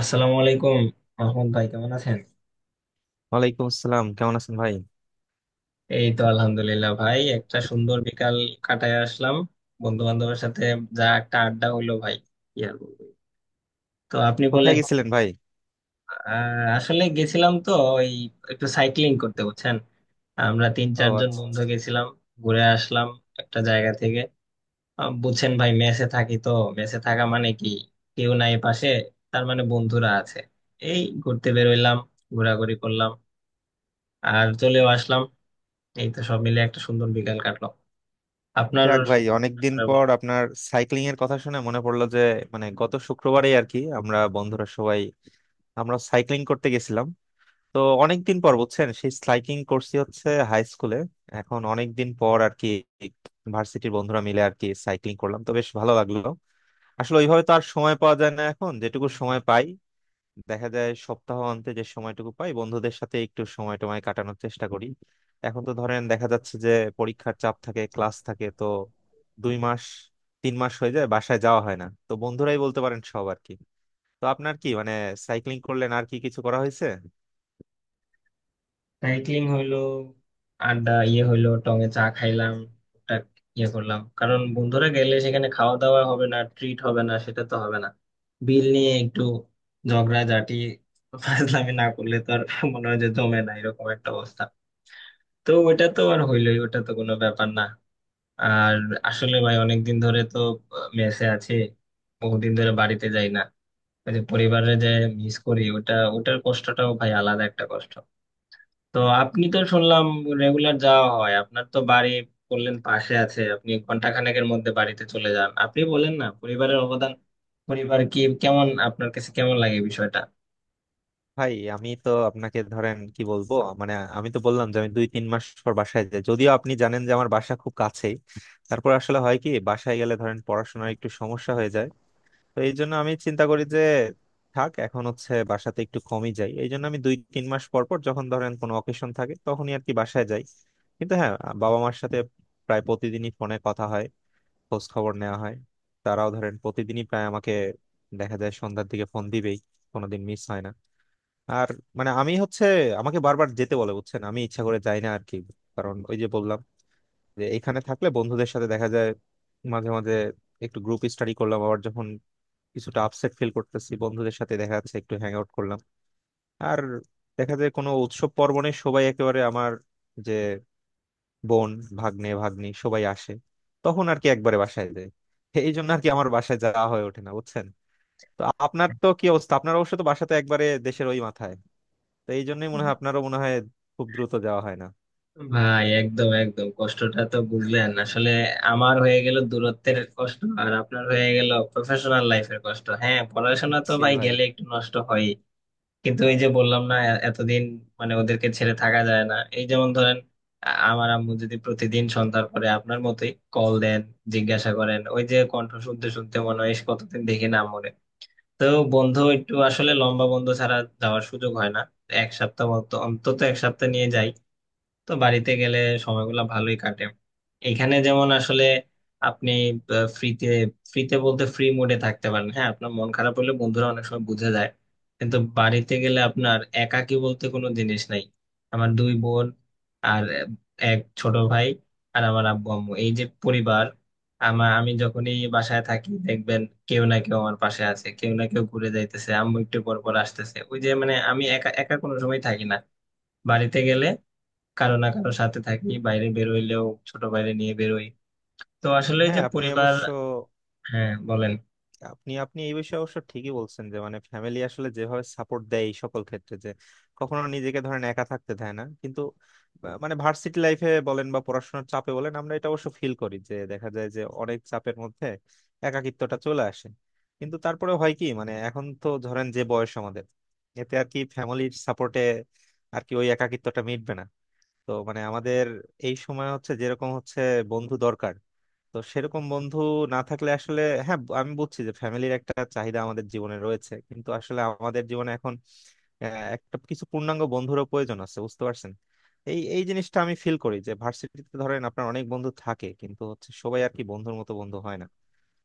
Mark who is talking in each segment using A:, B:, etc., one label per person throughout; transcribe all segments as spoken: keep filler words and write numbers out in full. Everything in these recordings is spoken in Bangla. A: আসসালামু আলাইকুম। আহমদ ভাই, কেমন আছেন?
B: ওয়ালাইকুম আসসালাম, কেমন আছেন ভাই?
A: এই তো আলহামদুলিল্লাহ ভাই, একটা সুন্দর বিকাল কাটায় আসলাম বন্ধু বান্ধবের সাথে। যা একটা আড্ডা হইলো ভাই, কি আর বলবো। তো আপনি
B: কোথায়
A: বলেন।
B: গেছিলেন ভাই?
A: আহ, আসলে গেছিলাম তো ওই একটু সাইক্লিং করতে, বুঝছেন। আমরা তিন
B: ও
A: চারজন
B: আচ্ছা আচ্ছা।
A: বন্ধু গেছিলাম, ঘুরে আসলাম একটা জায়গা থেকে। আহ, বুঝছেন ভাই, মেসে থাকি তো। মেসে থাকা মানে কি, কেউ নাই পাশে। তার মানে বন্ধুরা আছে, এই ঘুরতে বেরোইলাম, ঘোরাঘুরি করলাম আর চলেও আসলাম। এই তো সব মিলে একটা সুন্দর বিকাল কাটলো আপনার।
B: যাক ভাই, অনেকদিন
A: আরে
B: পর
A: বলেন।
B: আপনার সাইক্লিং এর কথা শুনে মনে পড়লো যে, মানে গত শুক্রবারে আর কি আমরা বন্ধুরা সবাই আমরা সাইক্লিং করতে গেছিলাম। তো অনেকদিন পর বুঝছেন, সেই সাইক্লিং করছি হচ্ছে হাই স্কুলে। এখন অনেকদিন পর আর কি ভার্সিটির বন্ধুরা মিলে আর কি সাইক্লিং করলাম, তো বেশ ভালো লাগলো। আসলে ওইভাবে তো আর সময় পাওয়া যায় না, এখন যেটুকু সময় পাই দেখা যায় সপ্তাহ অন্তে যে সময়টুকু পাই বন্ধুদের সাথে একটু সময় টময় কাটানোর চেষ্টা করি। এখন তো ধরেন দেখা যাচ্ছে যে পরীক্ষার চাপ থাকে, ক্লাস থাকে, তো দুই মাস তিন মাস হয়ে যায় বাসায় যাওয়া হয় না, তো বন্ধুরাই বলতে পারেন সব আর কি। তো আপনার কি মানে, সাইক্লিং করলেন আর কি কিছু করা হয়েছে?
A: সাইক্লিং হইলো, আড্ডা ইয়ে হইলো, টঙে চা খাইলাম, টুকটাক ইয়ে করলাম। কারণ বন্ধুরা গেলে সেখানে খাওয়া দাওয়া হবে না, ট্রিট হবে না, সেটা তো হবে না। বিল নিয়ে একটু ঝগড়া ঝাঁটি, ফাজলামি না করলে তো আর মনে হয় যে জমে না, এরকম একটা অবস্থা। তো ওইটা তো আর হইলোই, ওটা তো কোনো ব্যাপার না। আর আসলে ভাই অনেকদিন ধরে তো মেসে আছে, বহুদিন ধরে বাড়িতে যাই না। ওই যে পরিবারে যে মিস করি, ওটা ওটার কষ্টটাও ভাই আলাদা একটা কষ্ট। তো আপনি তো শুনলাম রেগুলার যাওয়া হয় আপনার তো বাড়ি, বললেন পাশে আছে। আপনি ঘন্টা খানেকের মধ্যে বাড়িতে চলে যান। আপনি বলেন না, পরিবারের অবদান, পরিবার কি, কেমন আপনার কাছে, কেমন লাগে বিষয়টা?
B: ভাই আমি তো আপনাকে ধরেন কি বলবো মানে আমি তো বললাম যে আমি দুই তিন মাস পর বাসায় যাই, যদিও আপনি জানেন যে আমার বাসা খুব কাছেই। তারপর আসলে হয় কি বাসায় গেলে ধরেন পড়াশোনার একটু সমস্যা হয়ে যায়। তো এই জন্য আমি চিন্তা করি যে থাক, এখন হচ্ছে বাসাতে একটু কমই যাই। এই জন্য আমি দুই তিন মাস পর পর যখন ধরেন কোনো অকেশন থাকে তখনই আর কি বাসায় যাই। কিন্তু হ্যাঁ, বাবা মার সাথে প্রায় প্রতিদিনই ফোনে কথা হয়, খোঁজ খবর নেওয়া হয়। তারাও ধরেন প্রতিদিনই প্রায় আমাকে দেখা যায় সন্ধ্যার দিকে ফোন দিবেই, কোনোদিন মিস হয় না। আর মানে আমি হচ্ছে আমাকে বারবার যেতে বলে বুঝছেন, আমি ইচ্ছা করে যাই না আর কি। কারণ ওই যে বললাম যে এখানে থাকলে বন্ধুদের সাথে দেখা যায় মাঝে মাঝে, একটু গ্রুপ স্টাডি করলাম, আবার যখন কিছুটা আপসেট ফিল করতেছি বন্ধুদের সাথে দেখা যাচ্ছে একটু হ্যাং আউট করলাম। আর দেখা যায় কোনো উৎসব পার্বণে সবাই একেবারে আমার যে বোন, ভাগ্নে ভাগ্নি সবাই আসে, তখন আর কি একবারে বাসায় যায়। এই জন্য আর কি আমার বাসায় যাওয়া হয়ে ওঠে না বুঝছেন। তো আপনার তো কি অবস্থা? আপনার অবশ্য তো বাসা তো একবারে দেশের ওই মাথায়, তো এই জন্যই মনে হয় আপনারও মনে হয় খুব দ্রুত যাওয়া হয় না।
A: ভাই একদম একদম কষ্টটা তো বুঝলেন আসলে। আমার হয়ে গেল দূরত্বের কষ্ট, আর আপনার হয়ে গেল প্রফেশনাল লাইফের কষ্ট। হ্যাঁ,
B: হুম, হুম,
A: পড়াশোনা তো
B: জি
A: ভাই
B: ভাই।
A: গেলে একটু নষ্ট হয়। কিন্তু এই যে বললাম না, এ- এতদিন মানে ওদেরকে ছেড়ে থাকা যায় না। এই যেমন ধরেন, আ- আমার আম্মু যদি প্রতিদিন সন্ধ্যার পরে আপনার মতোই কল দেন, জিজ্ঞাসা করেন, ওই যে কণ্ঠ শুনতে শুনতে মনে হয় ইস, কতদিন দেখি না আম্মুরে। তো বন্ধ একটু আসলে, লম্বা বন্ধ ছাড়া যাওয়ার সুযোগ হয় না। এক সপ্তাহ মতো, অন্তত এক সপ্তাহ নিয়ে যাই। তো বাড়িতে গেলে সময়গুলো ভালোই কাটে। এখানে যেমন আসলে আপনি ফ্রিতে, ফ্রিতে বলতে ফ্রি মুডে থাকতে পারেন। হ্যাঁ, আপনার মন খারাপ হলে বন্ধুরা অনেক সময় বুঝে যায়। কিন্তু বাড়িতে গেলে আপনার একাকী বলতে কোনো জিনিস নাই। আমার দুই বোন আর আহ, এক ছোট ভাই আর আমার আব্বু আম্মু, এই যে পরিবার আমার। আমি যখনই বাসায় থাকি, দেখবেন কেউ না কেউ আমার পাশে আছে, কেউ না কেউ ঘুরে যাইতেছে, আম্মু একটু পর পর আসতেছে। ওই যে মানে আমি একা একা কোনো সময় থাকি না। বাড়িতে গেলে কারো না কারো সাথে থাকি, বাইরে বেরোইলেও ছোট বাইরে নিয়ে বেরোই। তো আসলে যে
B: হ্যাঁ আপনি
A: পরিবার।
B: অবশ্য,
A: হ্যাঁ বলেন।
B: আপনি আপনি এই বিষয়ে অবশ্য ঠিকই বলছেন যে, মানে ফ্যামিলি আসলে যেভাবে সাপোর্ট দেয় এই সকল ক্ষেত্রে, যে কখনো নিজেকে ধরেন একা থাকতে দেয় না। কিন্তু আহ, মানে ভার্সিটি লাইফে বলেন বা পড়াশোনার চাপে বলেন, আমরা এটা অবশ্য ফিল করি যে দেখা যায় যে অনেক চাপের মধ্যে একাকিত্বটা চলে আসে। কিন্তু তারপরে হয় কি, মানে এখন তো ধরেন যে বয়স আমাদের, এতে আর কি ফ্যামিলির সাপোর্টে আর কি ওই একাকিত্বটা মিটবে না। তো মানে আমাদের এই সময় হচ্ছে যেরকম হচ্ছে বন্ধু দরকার, তো সেরকম বন্ধু না থাকলে আসলে, হ্যাঁ আমি বুঝছি যে ফ্যামিলির একটা চাহিদা আমাদের জীবনে রয়েছে কিন্তু আসলে আমাদের জীবনে এখন আহ, একটা কিছু পূর্ণাঙ্গ বন্ধুরও প্রয়োজন আছে, বুঝতে পারছেন। এই এই জিনিসটা আমি ফিল করি যে ভার্সিটিতে ধরেন আপনার অনেক বন্ধু থাকে কিন্তু হচ্ছে সবাই আর কি বন্ধুর মতো বন্ধু হয় না,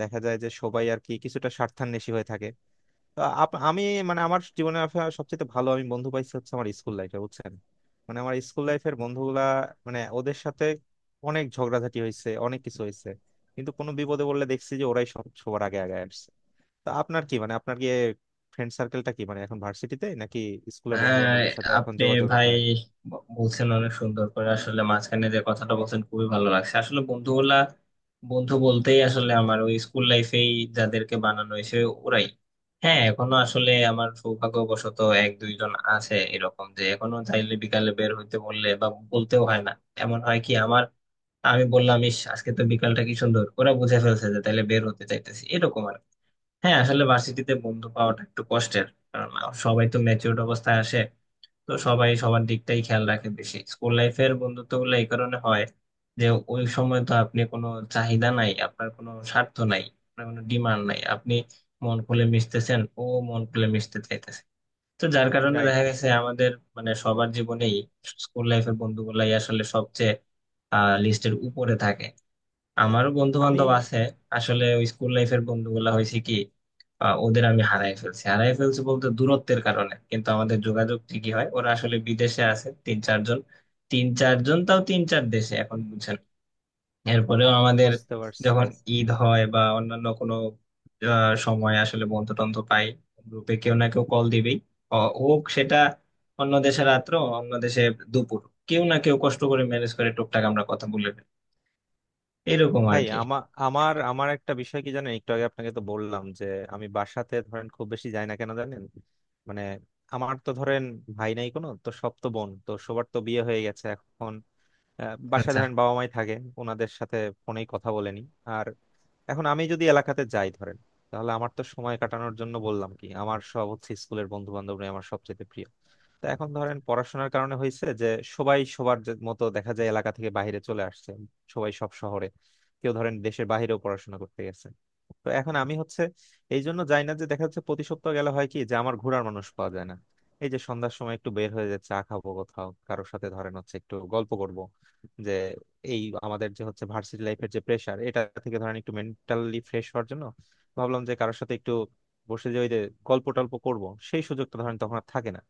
B: দেখা যায় যে সবাই আর কি কিছুটা স্বার্থান্বেষী হয়ে থাকে। আপ- আমি মানে আমার জীবনে আফা- সবচেয়ে ভালো আমি বন্ধু পাইছি হচ্ছে আমার স্কুল লাইফে, বুঝছেন। মানে আমার স্কুল লাইফের বন্ধুগুলা, মানে ওদের সাথে অনেক ঝগড়াঝাটি হয়েছে, অনেক কিছু হয়েছে কিন্তু কোনো বিপদে বললে দেখছি যে ওরাই সব সবার আগে আগে আসছে। তো আপনার কি মানে, আপনার কি ফ্রেন্ড সার্কেলটা কি মানে এখন ভার্সিটিতে নাকি স্কুলের বন্ধু
A: আহ,
B: বান্ধবদের সাথে এখন
A: আপনি
B: যোগাযোগ রাখা
A: ভাই
B: হয়?
A: ব- বলছেন অনেক সুন্দর করে। আসলে মাঝখানে যে কথাটা বলছেন খুবই ভালো লাগছে। আসলে বন্ধুগুলা, বন্ধু বলতেই আসলে আমার ওই স্কুল লাইফেই যাদেরকে বানানো হয়েছে ওরাই। হ্যাঁ এখনো আসলে আমার সৌভাগ্যবশত এক দুইজন আছে এরকম, যে এখনো চাইলে বিকালে বের হইতে বললে বা বলতেও হয় না। এমন হয় কি আমার, আমি বললাম ইস আজকে তো বিকালটা কি সুন্দর, ওরা বুঝে ফেলছে যে তাহলে বের হতে চাইতেছি, এরকম আর কি। হ্যাঁ, আসলে ভার্সিটিতে বন্ধু পাওয়াটা একটু কষ্টের। কারণ সবাই তো ম্যাচিউরড অবস্থায় আসে, তো সবাই সবার দিকটাই খেয়াল রাখে বেশি। স্কুল লাইফের বন্ধুত্ব গুলো এই কারণে হয়, যে ওই সময় তো আপনি কোনো চাহিদা নাই, আপনার কোনো স্বার্থ নাই, আপনার কোনো ডিমান্ড নাই। আপনি মন খুলে মিশতেছেন, ও মন খুলে মিশতে চাইতেছে। তো যার কারণে
B: রাইট।
A: দেখা গেছে আমাদের মানে সবার জীবনেই স্কুল লাইফের বন্ধুগুলাই আসলে সবচেয়ে লিস্টের উপরে থাকে। আমারও বন্ধু
B: আমি
A: বান্ধব আছে। আসলে ওই স্কুল লাইফের বন্ধুগুলা হয়েছে কি, আহ, ওদের আমি হারাই ফেলছি, হারাই ফেলছি বলতে দূরত্বের কারণে, কিন্তু আমাদের যোগাযোগ ঠিকই হয়। ওরা আসলে বিদেশে আছে তিন চারজন, তিন চারজন তাও তিন চার দেশে এখন, বুঝছেন। এরপরেও আমাদের
B: বুঝতে পারছি।
A: যখন ঈদ হয় বা অন্যান্য কোনো আহ, সময়, আসলে বন্ধু টন্ধু পাই, গ্রুপে কেউ না কেউ কল দিবেই। অ- হোক সেটা অন্য দেশে রাত্র, অন্য দেশে দুপুর, কেউ না কেউ কষ্ট করে ম্যানেজ করে টুকটাক আমরা কথা বলে নিই। এরকম আর
B: ভাই
A: কি।
B: আমার আমার আমার একটা বিষয় কি জানেন, একটু আগে আপনাকে তো বললাম যে আমি বাসাতে ধরেন খুব বেশি যাই না, কেন জানেন? মানে আমার তো ধরেন ভাই নাই কোনো, তো সব তো বোন তো সবার তো বিয়ে হয়ে গেছে এখন। আহ, বাসায়
A: আচ্ছা।
B: ধরেন বাবা মাই থাকে, ওনাদের সাথে ফোনেই কথা বলেনি। এখন আমি যদি এলাকাতে যাই ধরেন, তাহলে আমার তো সময় কাটানোর জন্য বললাম কি আমার সব হচ্ছে স্কুলের বন্ধু বান্ধবরা আমার সবচেয়ে প্রিয়। তো এখন ধরেন পড়াশোনার কারণে হয়েছে যে সবাই সবার যে- মতো দেখা যায় এলাকা থেকে বাইরে চলে আসছে, সবাই সব শহরে, কেউ ধরেন দেশের বাইরেও পড়াশোনা করতে গেছে। তো এখন আমি হচ্ছে এই জন্য যাই না যে দেখা যাচ্ছে প্রতি সপ্তাহ গেলে হয় কি যে আমার ঘোরার মানুষ পাওয়া যায় না। এই যে সন্ধ্যার সময় একটু বের হয়ে যাচ্ছে চা খাবো কোথাও কারোর সাথে ধরেন হচ্ছে একটু গল্প করব, যে এই আমাদের যে হচ্ছে ভার্সিটি লাইফের যে প্রেশার এটা থেকে ধরেন একটু মেন্টালি ফ্রেশ হওয়ার জন্য ভাবলাম যে কারোর সাথে একটু বসে যে ওই যে গল্প টল্প করবো, সেই সুযোগটা ধরেন তখন আর থাকে না।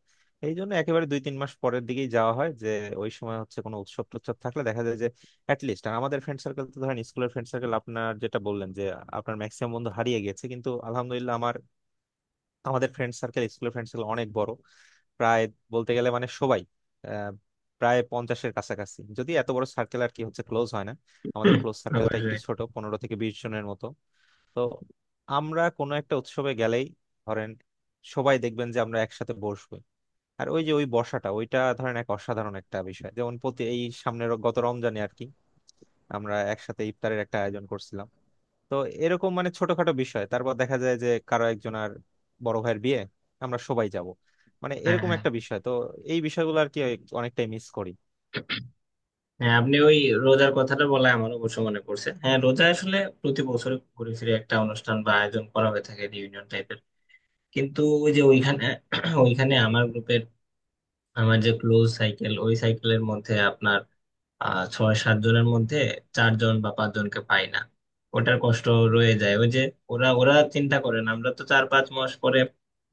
B: এই জন্য একেবারে দুই তিন মাস পরের দিকেই যাওয়া হয় যে ওই সময় হচ্ছে কোনো উৎসব টুৎসব থাকলে দেখা যায় যে অ্যাটলিস্ট, আর আমাদের ফ্রেন্ড সার্কেল তো ধরেন স্কুলের ফ্রেন্ড সার্কেল আপনার যেটা বললেন যে আপনার ম্যাক্সিমাম বন্ধু হারিয়ে গেছে, কিন্তু আলহামদুলিল্লাহ আমার, আমাদের ফ্রেন্ড সার্কেল স্কুলের ফ্রেন্ড সার্কেল অনেক বড়। প্রায় বলতে গেলে মানে সবাই আহ, প্রায় পঞ্চাশের কাছাকাছি। যদি এত বড় সার্কেল আর কি হচ্ছে ক্লোজ হয় না, আমাদের
A: হুম,
B: ক্লোজ সার্কেলটা একটু
A: অবশ্যই।
B: ছোট, পনেরো থেকে বিশ জনের মতো। তো আমরা কোনো একটা উৎসবে গেলেই ধরেন সবাই দেখবেন যে আমরা একসাথে বসবো, আর ওই যে ওই বসাটা ওইটা ধরেন এক অসাধারণ একটা বিষয়। যেমন প্রতি এই সামনের গত রমজানে আর কি আমরা একসাথে ইফতারের একটা আয়োজন করছিলাম। তো এরকম মানে ছোটখাটো বিষয়, তারপর দেখা যায় যে কারো একজন আর বড় ভাইয়ের বিয়ে, আমরা সবাই যাব, মানে
A: হ্যাঁ
B: এরকম
A: হ্যাঁ।
B: একটা বিষয় তো। এই বিষয়গুলো আর কি অনেকটাই মিস করি।
A: হ্যাঁ আপনি ওই রোজার কথাটা বলে আমার অবশ্য মনে পড়ছে। হ্যাঁ রোজা আসলে প্রতি বছরে ঘুরে ফিরে একটা অনুষ্ঠান বা আয়োজন করা হয়ে থাকে, রিউনিয়ন টাইপের। কিন্তু ওই যে ওইখানে, ওইখানে আমার গ্রুপের, আমার যে ক্লোজ সাইকেল, ওই সাইকেলের মধ্যে আপনার আহ ছয় সাত জনের মধ্যে চারজন বা পাঁচজনকে পাই না। ওটার কষ্ট রয়ে যায়। ওই যে ওরা ওরা চিন্তা করেন, আমরা তো চার পাঁচ মাস পরে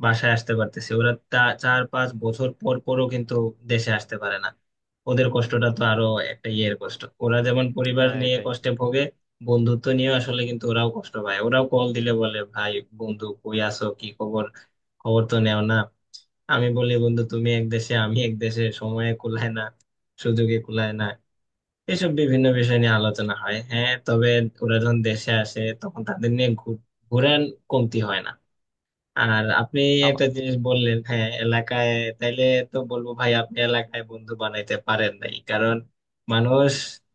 A: বাসায় আসতে পারতেছি, ওরা তা- চার পাঁচ বছর পর পরও কিন্তু দেশে আসতে পারে না। ওদের কষ্টটা তো আরো একটা ইয়ের কষ্ট। ওরা যেমন পরিবার
B: হ্যাঁ
A: নিয়ে
B: এটাই।
A: কষ্টে ভোগে, বন্ধুত্ব নিয়ে আসলে কিন্তু ওরাও কষ্ট পায়। ওরাও কল দিলে বলে, ভাই বন্ধু কই আছো, কি খবর, খবর তো নেও না। আমি বলি, বন্ধু তুমি এক দেশে আমি এক দেশে, সময়ে কুলায় না, সুযোগে কুলায় না। এসব বিভিন্ন বিষয় নিয়ে আলোচনা হয়। হ্যাঁ তবে ওরা যখন দেশে আসে তখন তাদের নিয়ে ঘুর- ঘুরার কমতি হয় না। আর আপনি
B: আমা-
A: একটা জিনিস বললেন, হ্যাঁ এলাকায়, তাইলে তো বলবো ভাই আপনি এলাকায় বন্ধু বানাইতে পারেন নাই। কারণ মানুষ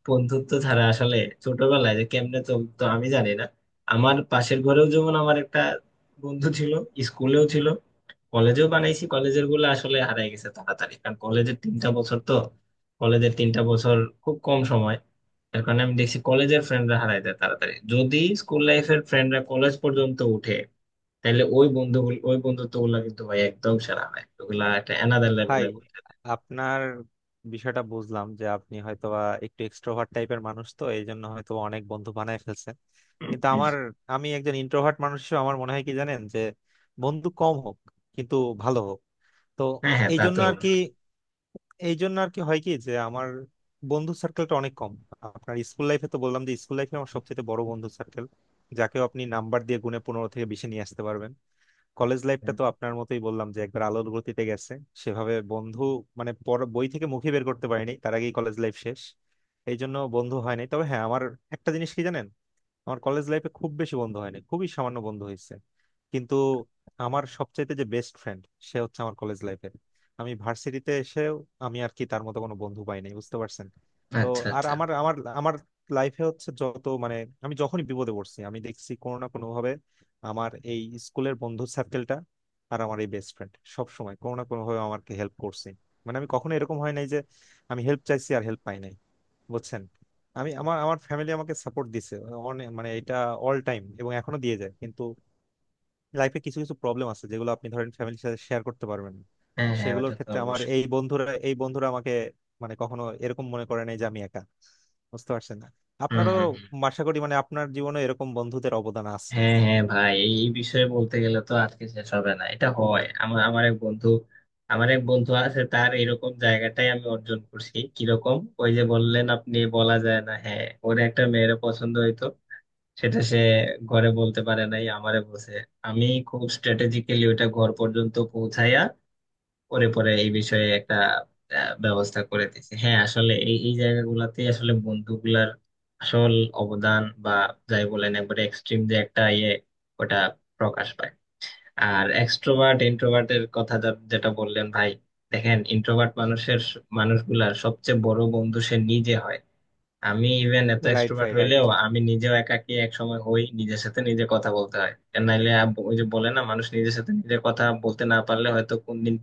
A: বন্ধুত্ব ছাড়া আসলে ছোটবেলায় যে কেমনে চলতো, আমি জানি না। আমার পাশের ঘরেও যেমন আমার একটা বন্ধু ছিল, স্কুলেও ছিল, কলেজেও বানাইছি। কলেজের গুলো আসলে হারাই গেছে তাড়াতাড়ি, কারণ কলেজের তিনটা বছর তো, কলেজের তিনটা বছর খুব কম সময়। এর কারণে আমি দেখছি কলেজের ফ্রেন্ডরা হারাই যায় তাড়াতাড়ি। যদি স্কুল লাইফের ফ্রেন্ডরা কলেজ পর্যন্ত উঠে, তাহলে ওই বন্ধুগুলো, ওই বন্ধুত্ব গুলা কিন্তু ভাই একদম সেরা হয়, ওগুলা একটা অ্যানাদার
B: ভাই
A: লেভেলের।
B: আপনার বিষয়টা বুঝলাম যে আপনি হয়তোবা একটু এক্সট্রোভার্ট টাইপের মানুষ, তো এই জন্য হয়তো অনেক বন্ধু বানায় ফেলছেন। কিন্তু আমার, আমি একজন ইন্ট্রোভার্ট মানুষ হিসেবে আমার মনে হয় কি জানেন, যে বন্ধু কম হোক কিন্তু ভালো হোক। তো
A: হ্যাঁ হ্যাঁ,
B: এই
A: তা তো
B: জন্য আর কি,
A: অবশ্যই।
B: এই জন্য আর কি হয় কি যে আমার বন্ধু সার্কেলটা অনেক কম। আপনার স্কুল লাইফে তো বললাম যে স্কুল লাইফে আমার সবচেয়ে বড় বন্ধু সার্কেল, যাকেও আপনি নাম্বার দিয়ে গুণে পনেরো থেকে বিশে নিয়ে আসতে পারবেন। কলেজ লাইফটা তো আপনার মতোই বললাম যে একবার আলোর গতিতে গেছে, সেভাবে বন্ধু মানে পর- বই থেকে মুখে বের করতে পারিনি তার আগেই কলেজ লাইফ শেষ, এই জন্য বন্ধু হয়নি। তবে হ্যাঁ আমার একটা জিনিস কি জানেন, আমার কলেজ লাইফে খুব বেশি বন্ধু হয়নি, খুবই সামান্য বন্ধু হয়েছে কিন্তু আমার সবচাইতে যে বেস্ট ফ্রেন্ড সে হচ্ছে আমার কলেজ লাইফের। আমি ভার্সিটিতে এসেও আমি আর কি তার মতো কোনো বন্ধু পাই নাই, বুঝতে পারছেন। তো
A: আচ্ছা
B: আর
A: আচ্ছা।
B: আমার আমার আমার লাইফে হচ্ছে যত মানে, আমি যখনই বিপদে পড়ছি আমি দেখছি কোনো না কোনো ভাবে আমার এই স্কুলের বন্ধু সার্কেলটা আর আমার এই বেস্ট ফ্রেন্ড সব সময় কোনো না কোনো ভাবে আমাকে হেল্প করছে। মানে আমি কখনো এরকম হয় নাই যে আমি হেল্প চাইছি আর হেল্প পাই নাই, বুঝছেন। আমি আমার আমার ফ্যামিলি আমাকে সাপোর্ট দিছে অনে- মানে এটা অল টাইম, এবং এখনো দিয়ে যায়। কিন্তু লাইফে কিছু কিছু প্রবলেম আছে যেগুলো আপনি ধরেন ফ্যামিলির সাথে শেয়ার করতে পারবেন না।
A: হ্যাঁ হ্যাঁ,
B: সেগুলোর
A: ওটা তো
B: ক্ষেত্রে আমার
A: অবশ্যই।
B: এই বন্ধুরা এই বন্ধুরা আমাকে মানে কখনো এরকম মনে করে নাই যে আমি একা, বুঝতে পারছেন না।
A: হম
B: আপনারও
A: হম।
B: আশা করি মানে আপনার জীবনে এরকম বন্ধুদের অবদান আছে।
A: হ্যাঁ হ্যাঁ ভাই, এই এই বিষয়ে বলতে গেলে তো আজকে শেষ হবে না। এটা হয়, আমার আমার এক বন্ধু, আমার এক বন্ধু আছে, তার এরকম জায়গাটাই আমি অর্জন করছি। কিরকম, ওই যে বললেন আপনি বলা যায় না, হ্যাঁ ওর একটা মেয়ের পছন্দ হইতো, সেটা সে ঘরে বলতে পারে নাই, আমারে বলছে। আমি খুব স্ট্র্যাটেজিক্যালি ওটা ঘর পর্যন্ত পৌঁছাইয়া করে পরে এই বিষয়ে একটা আহ, ব্যবস্থা করে দিয়েছে। হ্যাঁ আসলে এই এই জায়গাগুলোতে আসলে বন্ধুগুলার আসল অবদান বা যাই বলেন একবারে এক্সট্রিম যে একটা ইয়ে, ওটা প্রকাশ পায়। আর এক্সট্রোভার্ট ইন্ট্রোভার্টের কথা যা- যেটা বললেন ভাই, দেখেন ইন্ট্রোভার্ট মানুষের স- মানুষগুলার সবচেয়ে বড় বন্ধু সে নিজে হয়। আমি ইভেন এত
B: রাইট
A: এক্সট্রোভার্ট
B: ভাই, রাইট।
A: হইলেও আমি নিজেও একাকী এক সময় হই, নিজের সাথে নিজে কথা বলতে হয়। আর নাইলে আব- ওই যে বলে না, মানুষ নিজের সাথে নিজের কথা বলতে না পারলে হয়তো কোনদিন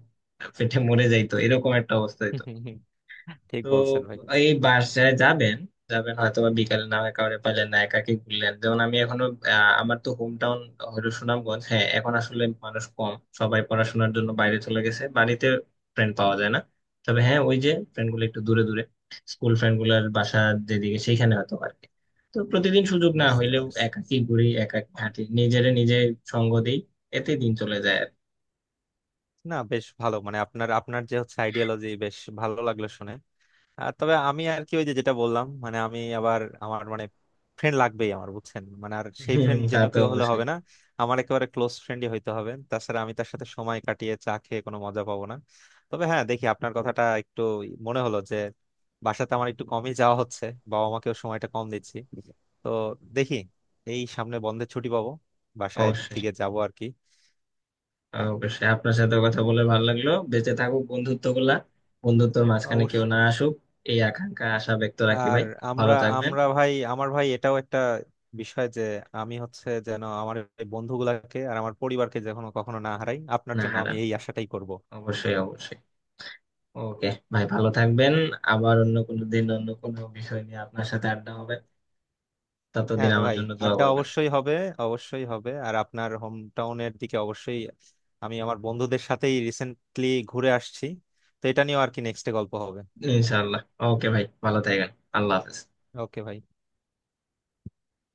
A: পেটে মরে যাইতো, এরকম একটা অবস্থা হইতো।
B: ঠিক
A: তো
B: বলছেন ভাই।
A: এই বাসায় যাবেন, যাবেন হয়তো বা বিকালে, না হয় কাউরে পাইলেন না, একাকি ঘুরলেন। যেমন আমি এখনো, আহ, আমার তো হোম টাউন হলো সুনামগঞ্জ। হ্যাঁ এখন আসলে মানুষ কম, সবাই পড়াশোনার জন্য বাইরে চলে গেছে, বাড়িতে ফ্রেন্ড পাওয়া যায় না। তবে হ্যাঁ, ওই যে ফ্রেন্ড গুলো একটু দূরে দূরে, স্কুল ফ্রেন্ড গুলার বাসা যেদিকে সেইখানে হয়তো আর কি। তো প্রতিদিন সুযোগ না
B: বুঝতে
A: হইলেও
B: পারছি।
A: একাকি ঘুরি, একাকি হাঁটি, নিজেরে নিজে সঙ্গ দিই। এতে দিন চলে যায় আর কি।
B: না বেশ ভালো, মানে আপনার আপনার যে হচ্ছে আইডিয়োলজি বেশ ভালো লাগলো শুনে। আর তবে আমি আর কি ওই যে যেটা বললাম, মানে আমি আবার আমার মানে ফ্রেন্ড লাগবেই আমার, বুঝছেন। মানে আর সেই
A: হুম,
B: ফ্রেন্ড
A: তা
B: যেন
A: তো
B: কেউ হলে
A: অবশ্যই।
B: হবে না, আমার একেবারে ক্লোজ ফ্রেন্ডই হইতে হবে, তাছাড়া আমি তার সাথে সময় কাটিয়ে চা খেয়ে কোনো মজা পাবো না। তবে হ্যাঁ দেখি, আপনার কথাটা একটু মনে হলো যে বাসাতে আমার একটু কমই যাওয়া হচ্ছে, বাবা মাকেও সময়টা কম দিচ্ছি। তো দেখি এই সামনে বন্ধের ছুটি পাবো, বাসায়
A: অবশ্যই।
B: দিকে যাবো আর কি।
A: অবশ্যই আপনার সাথে কথা বলে ভালো লাগলো। বেঁচে থাকুক বন্ধুত্ব গুলা, বন্ধুত্বর মাঝখানে কেউ না
B: অবশ্যই।
A: আসুক, এই আকাঙ্ক্ষা আশা ব্যক্ত রাখি
B: আর
A: ভাই।
B: আমরা,
A: ভালো থাকবেন।
B: আমরা ভাই আমার ভাই এটাও একটা বিষয় যে আমি হচ্ছে যেন আমার এই বন্ধুগুলাকে আর আমার পরিবারকে যখন কখনো না হারাই, আপনার
A: না
B: জন্য আমি
A: হারান,
B: এই আশাটাই করব।
A: অবশ্যই অবশ্যই। ওকে ভাই, ভালো থাকবেন। আবার অন্য কোনো দিন অন্য কোনো বিষয় নিয়ে আপনার সাথে আড্ডা হবে। ততদিন
B: হ্যাঁ
A: আমার
B: ভাই,
A: জন্য দোয়া
B: আড্ডা
A: করবেন।
B: অবশ্যই হবে, অবশ্যই হবে। আর আপনার হোম টাউনের দিকে অবশ্যই আমি আমার বন্ধুদের সাথেই রিসেন্টলি ঘুরে আসছি, তো এটা নিয়েও আর কি নেক্সটে গল্প হবে।
A: ইনশাআল্লাহ। ওকে ভাই, ভালো থাকবেন। আল্লাহ হাফেজ।
B: ওকে ভাই।